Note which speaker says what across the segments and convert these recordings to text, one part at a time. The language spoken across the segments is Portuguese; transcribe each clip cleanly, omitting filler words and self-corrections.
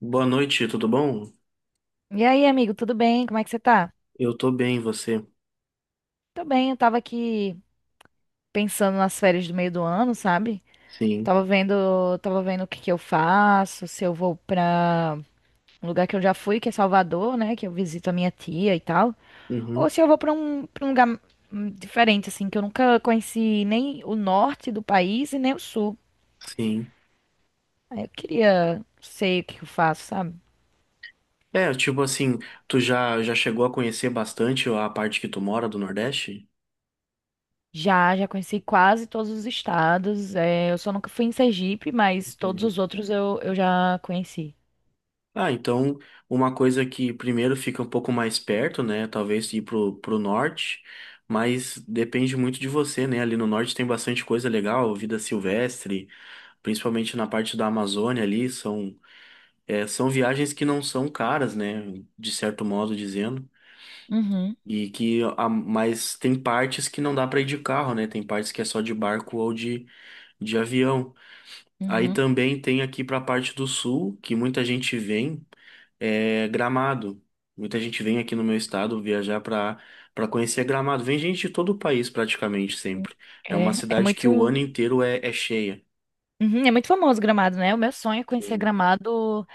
Speaker 1: Boa noite, tudo bom?
Speaker 2: E aí, amigo, tudo bem? Como é que você tá?
Speaker 1: Eu tô bem, você?
Speaker 2: Tô bem, eu tava aqui pensando nas férias do meio do ano, sabe?
Speaker 1: Sim.
Speaker 2: Tava vendo o que que eu faço, se eu vou pra um lugar que eu já fui, que é Salvador, né, que eu visito a minha tia e tal, ou
Speaker 1: Uhum,
Speaker 2: se eu vou pra um lugar diferente assim, que eu nunca conheci nem o norte do país e nem o sul.
Speaker 1: sim.
Speaker 2: Aí eu queria sei o que que eu faço, sabe?
Speaker 1: É, tipo assim, tu já chegou a conhecer bastante a parte que tu mora do Nordeste?
Speaker 2: Já conheci quase todos os estados. É, eu só nunca fui em Sergipe, mas todos
Speaker 1: Entendi.
Speaker 2: os outros eu já conheci.
Speaker 1: Ah, então, uma coisa que primeiro fica um pouco mais perto, né? Talvez ir pro norte, mas depende muito de você, né? Ali no norte tem bastante coisa legal, vida silvestre, principalmente na parte da Amazônia ali, são viagens que não são caras, né? De certo modo dizendo.
Speaker 2: Uhum.
Speaker 1: Mas tem partes que não dá para ir de carro, né? Tem partes que é só de barco ou de avião. Aí
Speaker 2: Uhum.
Speaker 1: também tem aqui para a parte do sul, que muita gente vem, é Gramado. Muita gente vem aqui no meu estado viajar para conhecer Gramado. Vem gente de todo o país praticamente
Speaker 2: Uhum.
Speaker 1: sempre. É uma
Speaker 2: É
Speaker 1: cidade que
Speaker 2: muito.
Speaker 1: o ano inteiro é cheia.
Speaker 2: Uhum. É muito famoso Gramado, né? O meu sonho é conhecer
Speaker 1: Sim.
Speaker 2: Gramado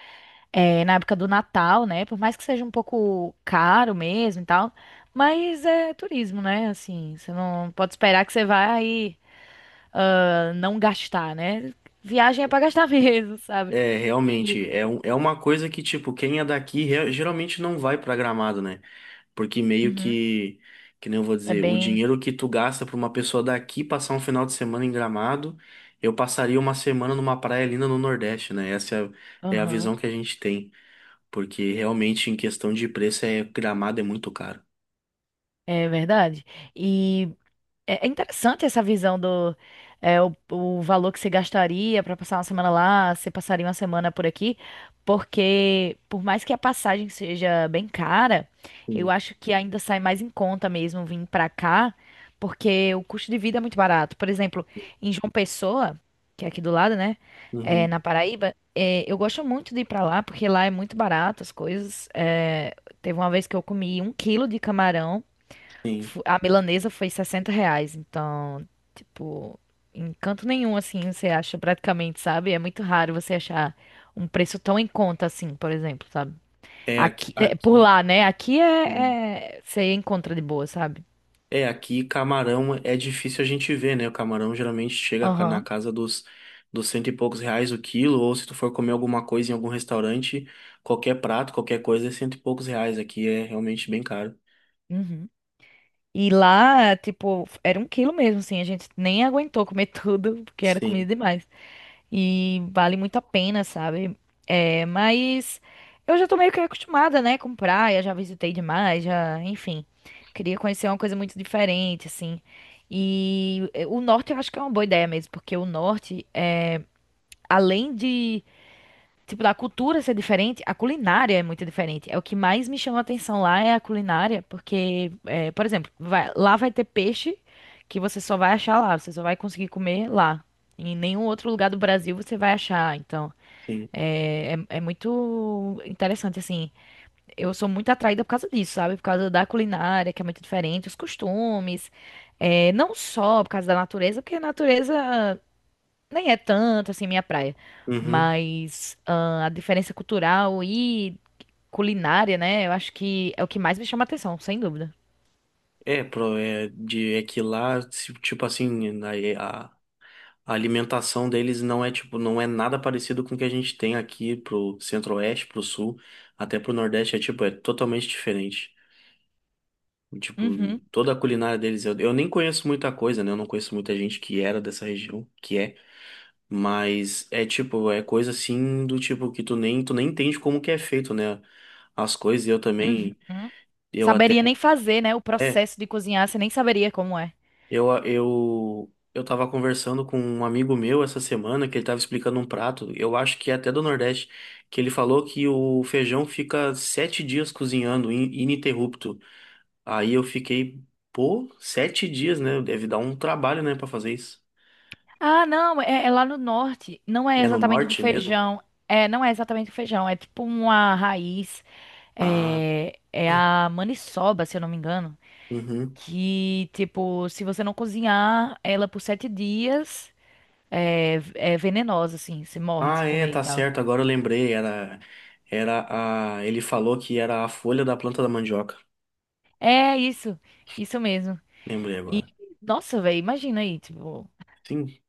Speaker 2: na época do Natal, né? Por mais que seja um pouco caro mesmo e tal, mas é turismo, né? Assim, você não pode esperar que você vai não gastar, né? Viagem é pra gastar mesmo, sabe?
Speaker 1: É,
Speaker 2: E-
Speaker 1: realmente, é uma coisa que, tipo, quem é daqui geralmente não vai para Gramado, né? Porque meio
Speaker 2: uhum.
Speaker 1: que nem eu vou
Speaker 2: É
Speaker 1: dizer, o
Speaker 2: bem.
Speaker 1: dinheiro que tu gasta pra uma pessoa daqui passar um final de semana em Gramado, eu passaria uma semana numa praia linda no Nordeste, né? Essa é a visão
Speaker 2: Aham.
Speaker 1: que a gente tem. Porque realmente, em questão de preço, Gramado é muito caro.
Speaker 2: É verdade. e é interessante essa visão do o valor que você gastaria para passar uma semana lá, você passaria uma semana por aqui, porque por mais que a passagem seja bem cara, eu
Speaker 1: Sim.
Speaker 2: acho que ainda sai mais em conta mesmo vir para cá, porque o custo de vida é muito barato. Por exemplo, em João Pessoa, que é aqui do lado, né,
Speaker 1: Uhum,
Speaker 2: na Paraíba, eu gosto muito de ir para lá porque lá é muito barato as coisas. É, teve uma vez que eu comi um quilo de camarão.
Speaker 1: sim.
Speaker 2: A milanesa foi R$ 60, então, tipo, em canto nenhum, assim, você acha praticamente, sabe? É muito raro você achar um preço tão em conta assim, por exemplo, sabe?
Speaker 1: É aqui,
Speaker 2: Aqui, por
Speaker 1: aqui.
Speaker 2: lá, né? Aqui você encontra de boa, sabe?
Speaker 1: É, aqui camarão é difícil a gente ver, né? O camarão geralmente chega na
Speaker 2: Aham.
Speaker 1: casa dos cento e poucos reais o quilo, ou se tu for comer alguma coisa em algum restaurante, qualquer prato, qualquer coisa é cento e poucos reais. Aqui é realmente bem caro.
Speaker 2: Uhum. E lá, tipo, era um quilo mesmo, assim, a gente nem aguentou comer tudo, porque era
Speaker 1: Sim,
Speaker 2: comida demais. E vale muito a pena, sabe? É, mas eu já tô meio que acostumada, né, com praia, já visitei demais, já, enfim. Queria conhecer uma coisa muito diferente, assim. E o norte eu acho que é uma boa ideia mesmo, porque o norte, além de, tipo, da cultura ser diferente, a culinária é muito diferente. É o que mais me chama a atenção lá é a culinária, porque, por exemplo, lá vai ter peixe que você só vai achar lá, você só vai conseguir comer lá. Em nenhum outro lugar do Brasil você vai achar, então.
Speaker 1: sim.
Speaker 2: É muito interessante, assim. Eu sou muito atraída por causa disso, sabe? Por causa da culinária, que é muito diferente, os costumes. É, não só por causa da natureza, porque a natureza nem é tanto, assim, minha praia.
Speaker 1: Uhum.
Speaker 2: Mas a diferença cultural e culinária, né? Eu acho que é o que mais me chama atenção, sem dúvida.
Speaker 1: É que lá, tipo assim, a alimentação deles não é tipo, não é nada parecido com o que a gente tem aqui pro centro-oeste, pro sul, até pro nordeste, é totalmente diferente. Tipo,
Speaker 2: Uhum.
Speaker 1: toda a culinária deles, eu nem conheço muita coisa, né? Eu não conheço muita gente que era dessa região, mas é tipo, é coisa assim do tipo que tu nem entende como que é feito, né? As coisas, e eu também,
Speaker 2: Uhum.
Speaker 1: eu até,
Speaker 2: Saberia nem fazer, né? O
Speaker 1: é,
Speaker 2: processo de cozinhar, você nem saberia como é.
Speaker 1: eu tava conversando com um amigo meu essa semana que ele tava explicando um prato, eu acho que é até do Nordeste, que ele falou que o feijão fica 7 dias cozinhando, ininterrupto. Aí eu fiquei, pô, 7 dias, né? Deve dar um trabalho, né, pra fazer isso.
Speaker 2: Ah, não, é lá no norte. Não é
Speaker 1: É no
Speaker 2: exatamente um
Speaker 1: norte mesmo?
Speaker 2: feijão. É, não é exatamente um feijão. É tipo uma raiz.
Speaker 1: Ah,
Speaker 2: É a maniçoba, se eu não me engano.
Speaker 1: uhum.
Speaker 2: Que, tipo, se você não cozinhar ela por 7 dias, é venenosa, assim. Você morre
Speaker 1: Ah,
Speaker 2: se
Speaker 1: é,
Speaker 2: comer e
Speaker 1: tá
Speaker 2: tal.
Speaker 1: certo. Agora eu lembrei. Era a. Ele falou que era a folha da planta da mandioca.
Speaker 2: É isso. Isso mesmo.
Speaker 1: Lembrei
Speaker 2: E,
Speaker 1: agora.
Speaker 2: nossa, velho, imagina aí, tipo.
Speaker 1: Sim.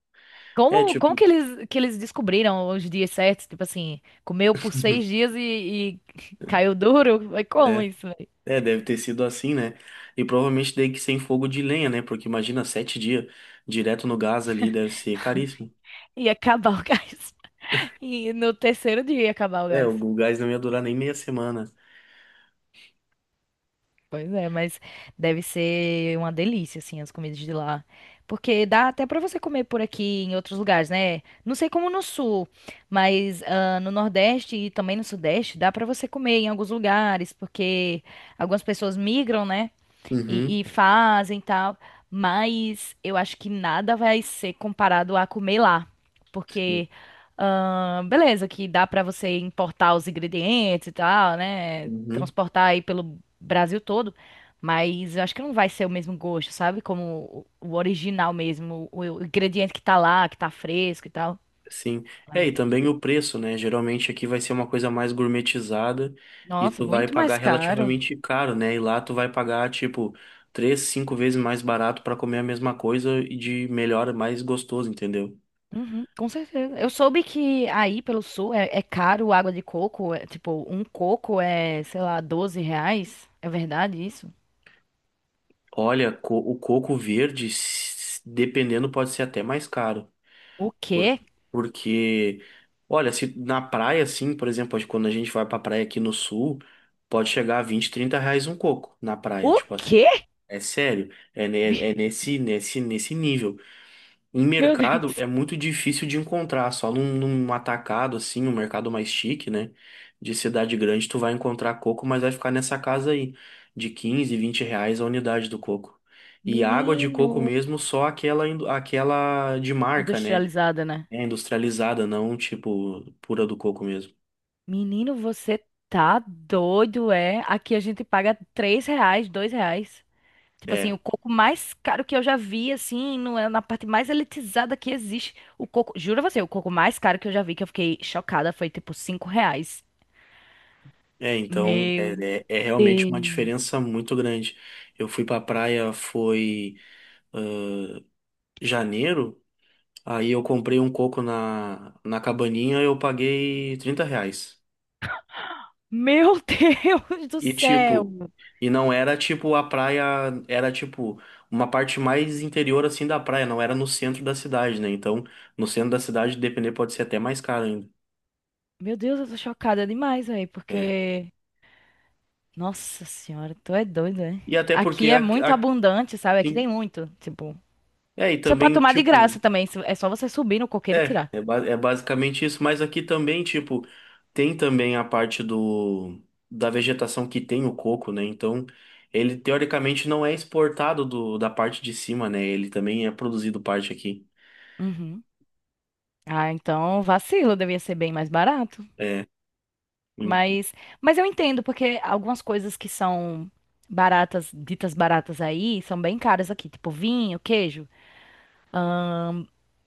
Speaker 1: É
Speaker 2: Como
Speaker 1: tipo.
Speaker 2: que eles descobriram os dias certos? Tipo assim, comeu por seis dias e, caiu duro? Mas como
Speaker 1: É,
Speaker 2: isso?
Speaker 1: Deve ter sido assim, né? E provavelmente tem que ser em fogo de lenha, né? Porque imagina 7 dias direto no gás ali, deve ser caríssimo.
Speaker 2: Ia acabar o gás. E no terceiro dia ia acabar o
Speaker 1: É, o
Speaker 2: gás.
Speaker 1: o gás não ia durar nem meia semana.
Speaker 2: Pois é, mas deve ser uma delícia, assim, as comidas de lá. Porque dá até pra você comer por aqui em outros lugares, né? Não sei como no sul, mas no Nordeste e também no Sudeste dá pra você comer em alguns lugares, porque algumas pessoas migram, né?
Speaker 1: Uhum.
Speaker 2: e fazem e tal, mas eu acho que nada vai ser comparado a comer lá,
Speaker 1: Sim.
Speaker 2: porque beleza, que dá pra você importar os ingredientes e tal, né?
Speaker 1: Uhum.
Speaker 2: Transportar aí pelo Brasil todo, mas eu acho que não vai ser o mesmo gosto, sabe? Como o original mesmo, o ingrediente que tá lá, que tá fresco e tal.
Speaker 1: Sim. É, e também o preço, né? Geralmente aqui vai ser uma coisa mais gourmetizada e
Speaker 2: Nossa,
Speaker 1: tu vai
Speaker 2: muito
Speaker 1: pagar
Speaker 2: mais caro.
Speaker 1: relativamente caro, né? E lá tu vai pagar, tipo, 3, 5 vezes mais barato pra comer a mesma coisa e de melhor, mais gostoso, entendeu?
Speaker 2: Uhum, com certeza. Eu soube que aí pelo sul é caro água de coco. Tipo, um coco é, sei lá, R$ 12. É verdade isso?
Speaker 1: Olha, o coco verde, dependendo, pode ser até mais caro.
Speaker 2: O
Speaker 1: Por-
Speaker 2: quê?
Speaker 1: Porque, olha, se na praia, assim, por exemplo, quando a gente vai pra praia aqui no sul, pode chegar a 20, 30 reais um coco na praia,
Speaker 2: O
Speaker 1: tipo assim.
Speaker 2: quê?
Speaker 1: É sério, é nesse nível. Em
Speaker 2: Meu Deus.
Speaker 1: mercado é muito difícil de encontrar, só num atacado assim, um mercado mais chique, né? De cidade grande, tu vai encontrar coco, mas vai ficar nessa casa aí, de 15, 20 reais a unidade do coco. E água de
Speaker 2: Menino.
Speaker 1: coco mesmo, só aquela, aquela de marca, né?
Speaker 2: Industrializada, né?
Speaker 1: É industrializada, não tipo pura do coco mesmo.
Speaker 2: Menino, você tá doido, é? Aqui a gente paga R$ 3, R$ 2. Tipo assim, o
Speaker 1: É,
Speaker 2: coco mais caro que eu já vi, assim, no, é na parte mais elitizada que existe. O coco, jura você, o coco mais caro que eu já vi, que eu fiquei chocada, foi tipo R$ 5.
Speaker 1: é, então
Speaker 2: Meu
Speaker 1: é, é realmente uma
Speaker 2: Deus.
Speaker 1: diferença muito grande. Eu fui pra praia, foi. Janeiro, aí eu comprei um coco na cabaninha e eu paguei 30 reais.
Speaker 2: Meu Deus do
Speaker 1: E
Speaker 2: céu.
Speaker 1: tipo, e não era tipo a praia, era tipo uma parte mais interior assim da praia, não era no centro da cidade, né? Então, no centro da cidade, depender, pode ser até mais caro ainda.
Speaker 2: Meu Deus, eu tô chocada demais, velho,
Speaker 1: É.
Speaker 2: porque. Nossa senhora, tu é doido, é?
Speaker 1: E até porque,
Speaker 2: Aqui é muito
Speaker 1: a-
Speaker 2: abundante, sabe? Aqui tem
Speaker 1: sim,
Speaker 2: muito. Tipo,
Speaker 1: e
Speaker 2: você pode
Speaker 1: também,
Speaker 2: tomar de graça
Speaker 1: tipo,
Speaker 2: também. É só você subir no coqueiro e tirar.
Speaker 1: Basicamente isso, mas aqui também, tipo, tem também a parte do da vegetação que tem o coco, né? Então, ele teoricamente não é exportado da parte de cima, né? Ele também é produzido parte aqui.
Speaker 2: Uhum. Ah, então vacilo, devia ser bem mais barato.
Speaker 1: É, hum.
Speaker 2: Mas, eu entendo, porque algumas coisas que são baratas, ditas baratas aí, são bem caras aqui. Tipo, vinho, queijo.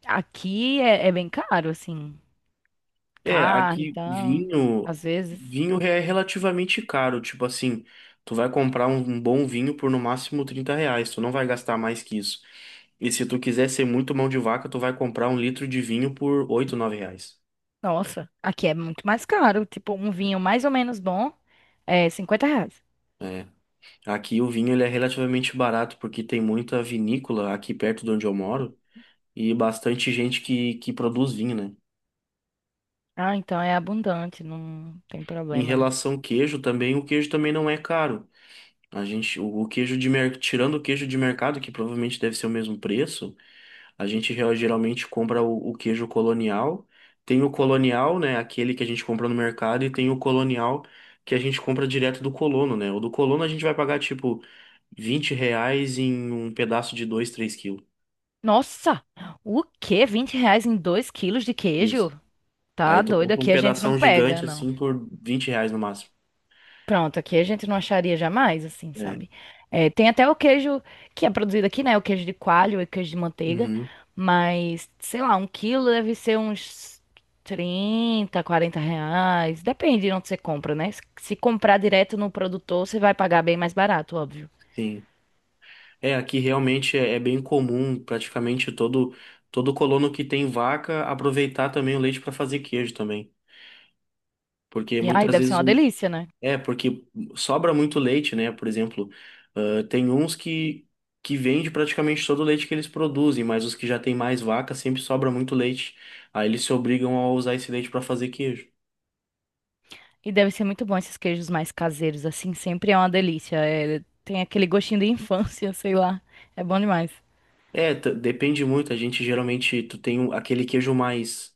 Speaker 2: Aqui é bem caro, assim. Carne,
Speaker 1: Aqui
Speaker 2: então,
Speaker 1: vinho,
Speaker 2: às vezes.
Speaker 1: vinho é relativamente caro, tipo assim, tu vai comprar um bom vinho por no máximo 30 reais, tu não vai gastar mais que isso. E se tu quiser ser muito mão de vaca, tu vai comprar um litro de vinho por 8, 9 reais.
Speaker 2: Nossa, aqui é muito mais caro. Tipo, um vinho mais ou menos bom é R$ 50.
Speaker 1: É. Aqui o vinho ele é relativamente barato porque tem muita vinícola aqui perto de onde eu moro e bastante gente que produz vinho, né?
Speaker 2: Ah, então é abundante, não tem
Speaker 1: Em
Speaker 2: problema, né?
Speaker 1: relação ao queijo também, o queijo também não é caro. A gente, o queijo de mer... Tirando o queijo de mercado, que provavelmente deve ser o mesmo preço, a gente geralmente compra o queijo colonial. Tem o colonial, né, aquele que a gente compra no mercado e tem o colonial que a gente compra direto do colono, né? O do colono a gente vai pagar tipo 20 reais em um pedaço de 2, 3 quilos.
Speaker 2: Nossa, o quê? R$ 20 em 2 quilos de
Speaker 1: Isso.
Speaker 2: queijo? Tá
Speaker 1: Aí tu
Speaker 2: doido,
Speaker 1: compra um
Speaker 2: aqui a gente não
Speaker 1: pedação
Speaker 2: pega,
Speaker 1: gigante
Speaker 2: não.
Speaker 1: assim por 20 reais no máximo.
Speaker 2: Pronto, aqui a gente não acharia jamais, assim,
Speaker 1: É.
Speaker 2: sabe? É, tem até o queijo que é produzido aqui, né? O queijo de coalho e o queijo de manteiga.
Speaker 1: Uhum,
Speaker 2: Mas, sei lá, um quilo deve ser uns 30 40 reais. Depende de onde você compra, né? Se comprar direto no produtor, você vai pagar bem mais barato, óbvio.
Speaker 1: sim. É, aqui realmente é bem comum praticamente todo colono que tem vaca aproveitar também o leite para fazer queijo também. Porque
Speaker 2: E aí
Speaker 1: muitas
Speaker 2: deve ser
Speaker 1: vezes.
Speaker 2: uma delícia, né?
Speaker 1: É, porque sobra muito leite, né? Por exemplo, tem uns que vende praticamente todo o leite que eles produzem, mas os que já têm mais vaca sempre sobra muito leite. Aí eles se obrigam a usar esse leite para fazer queijo.
Speaker 2: E deve ser muito bom esses queijos mais caseiros, assim, sempre é uma delícia. É, tem aquele gostinho de infância, sei lá. É bom demais.
Speaker 1: É, depende muito. A gente geralmente, tu tem aquele queijo mais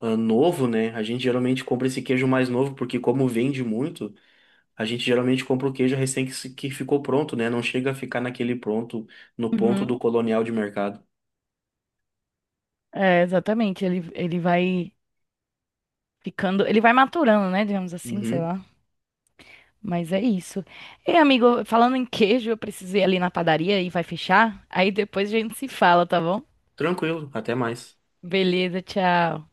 Speaker 1: novo, né? A gente geralmente compra esse queijo mais novo, porque como vende muito, a gente geralmente compra o queijo recém que ficou pronto, né? Não chega a ficar no ponto do
Speaker 2: Uhum.
Speaker 1: colonial de mercado.
Speaker 2: É, exatamente. Ele vai ficando. Ele vai maturando, né? Digamos assim, sei
Speaker 1: Uhum.
Speaker 2: lá. Mas é isso. Ei, amigo, falando em queijo, eu preciso ir ali na padaria e vai fechar. Aí depois a gente se fala, tá bom?
Speaker 1: Tranquilo, até mais.
Speaker 2: Beleza, tchau.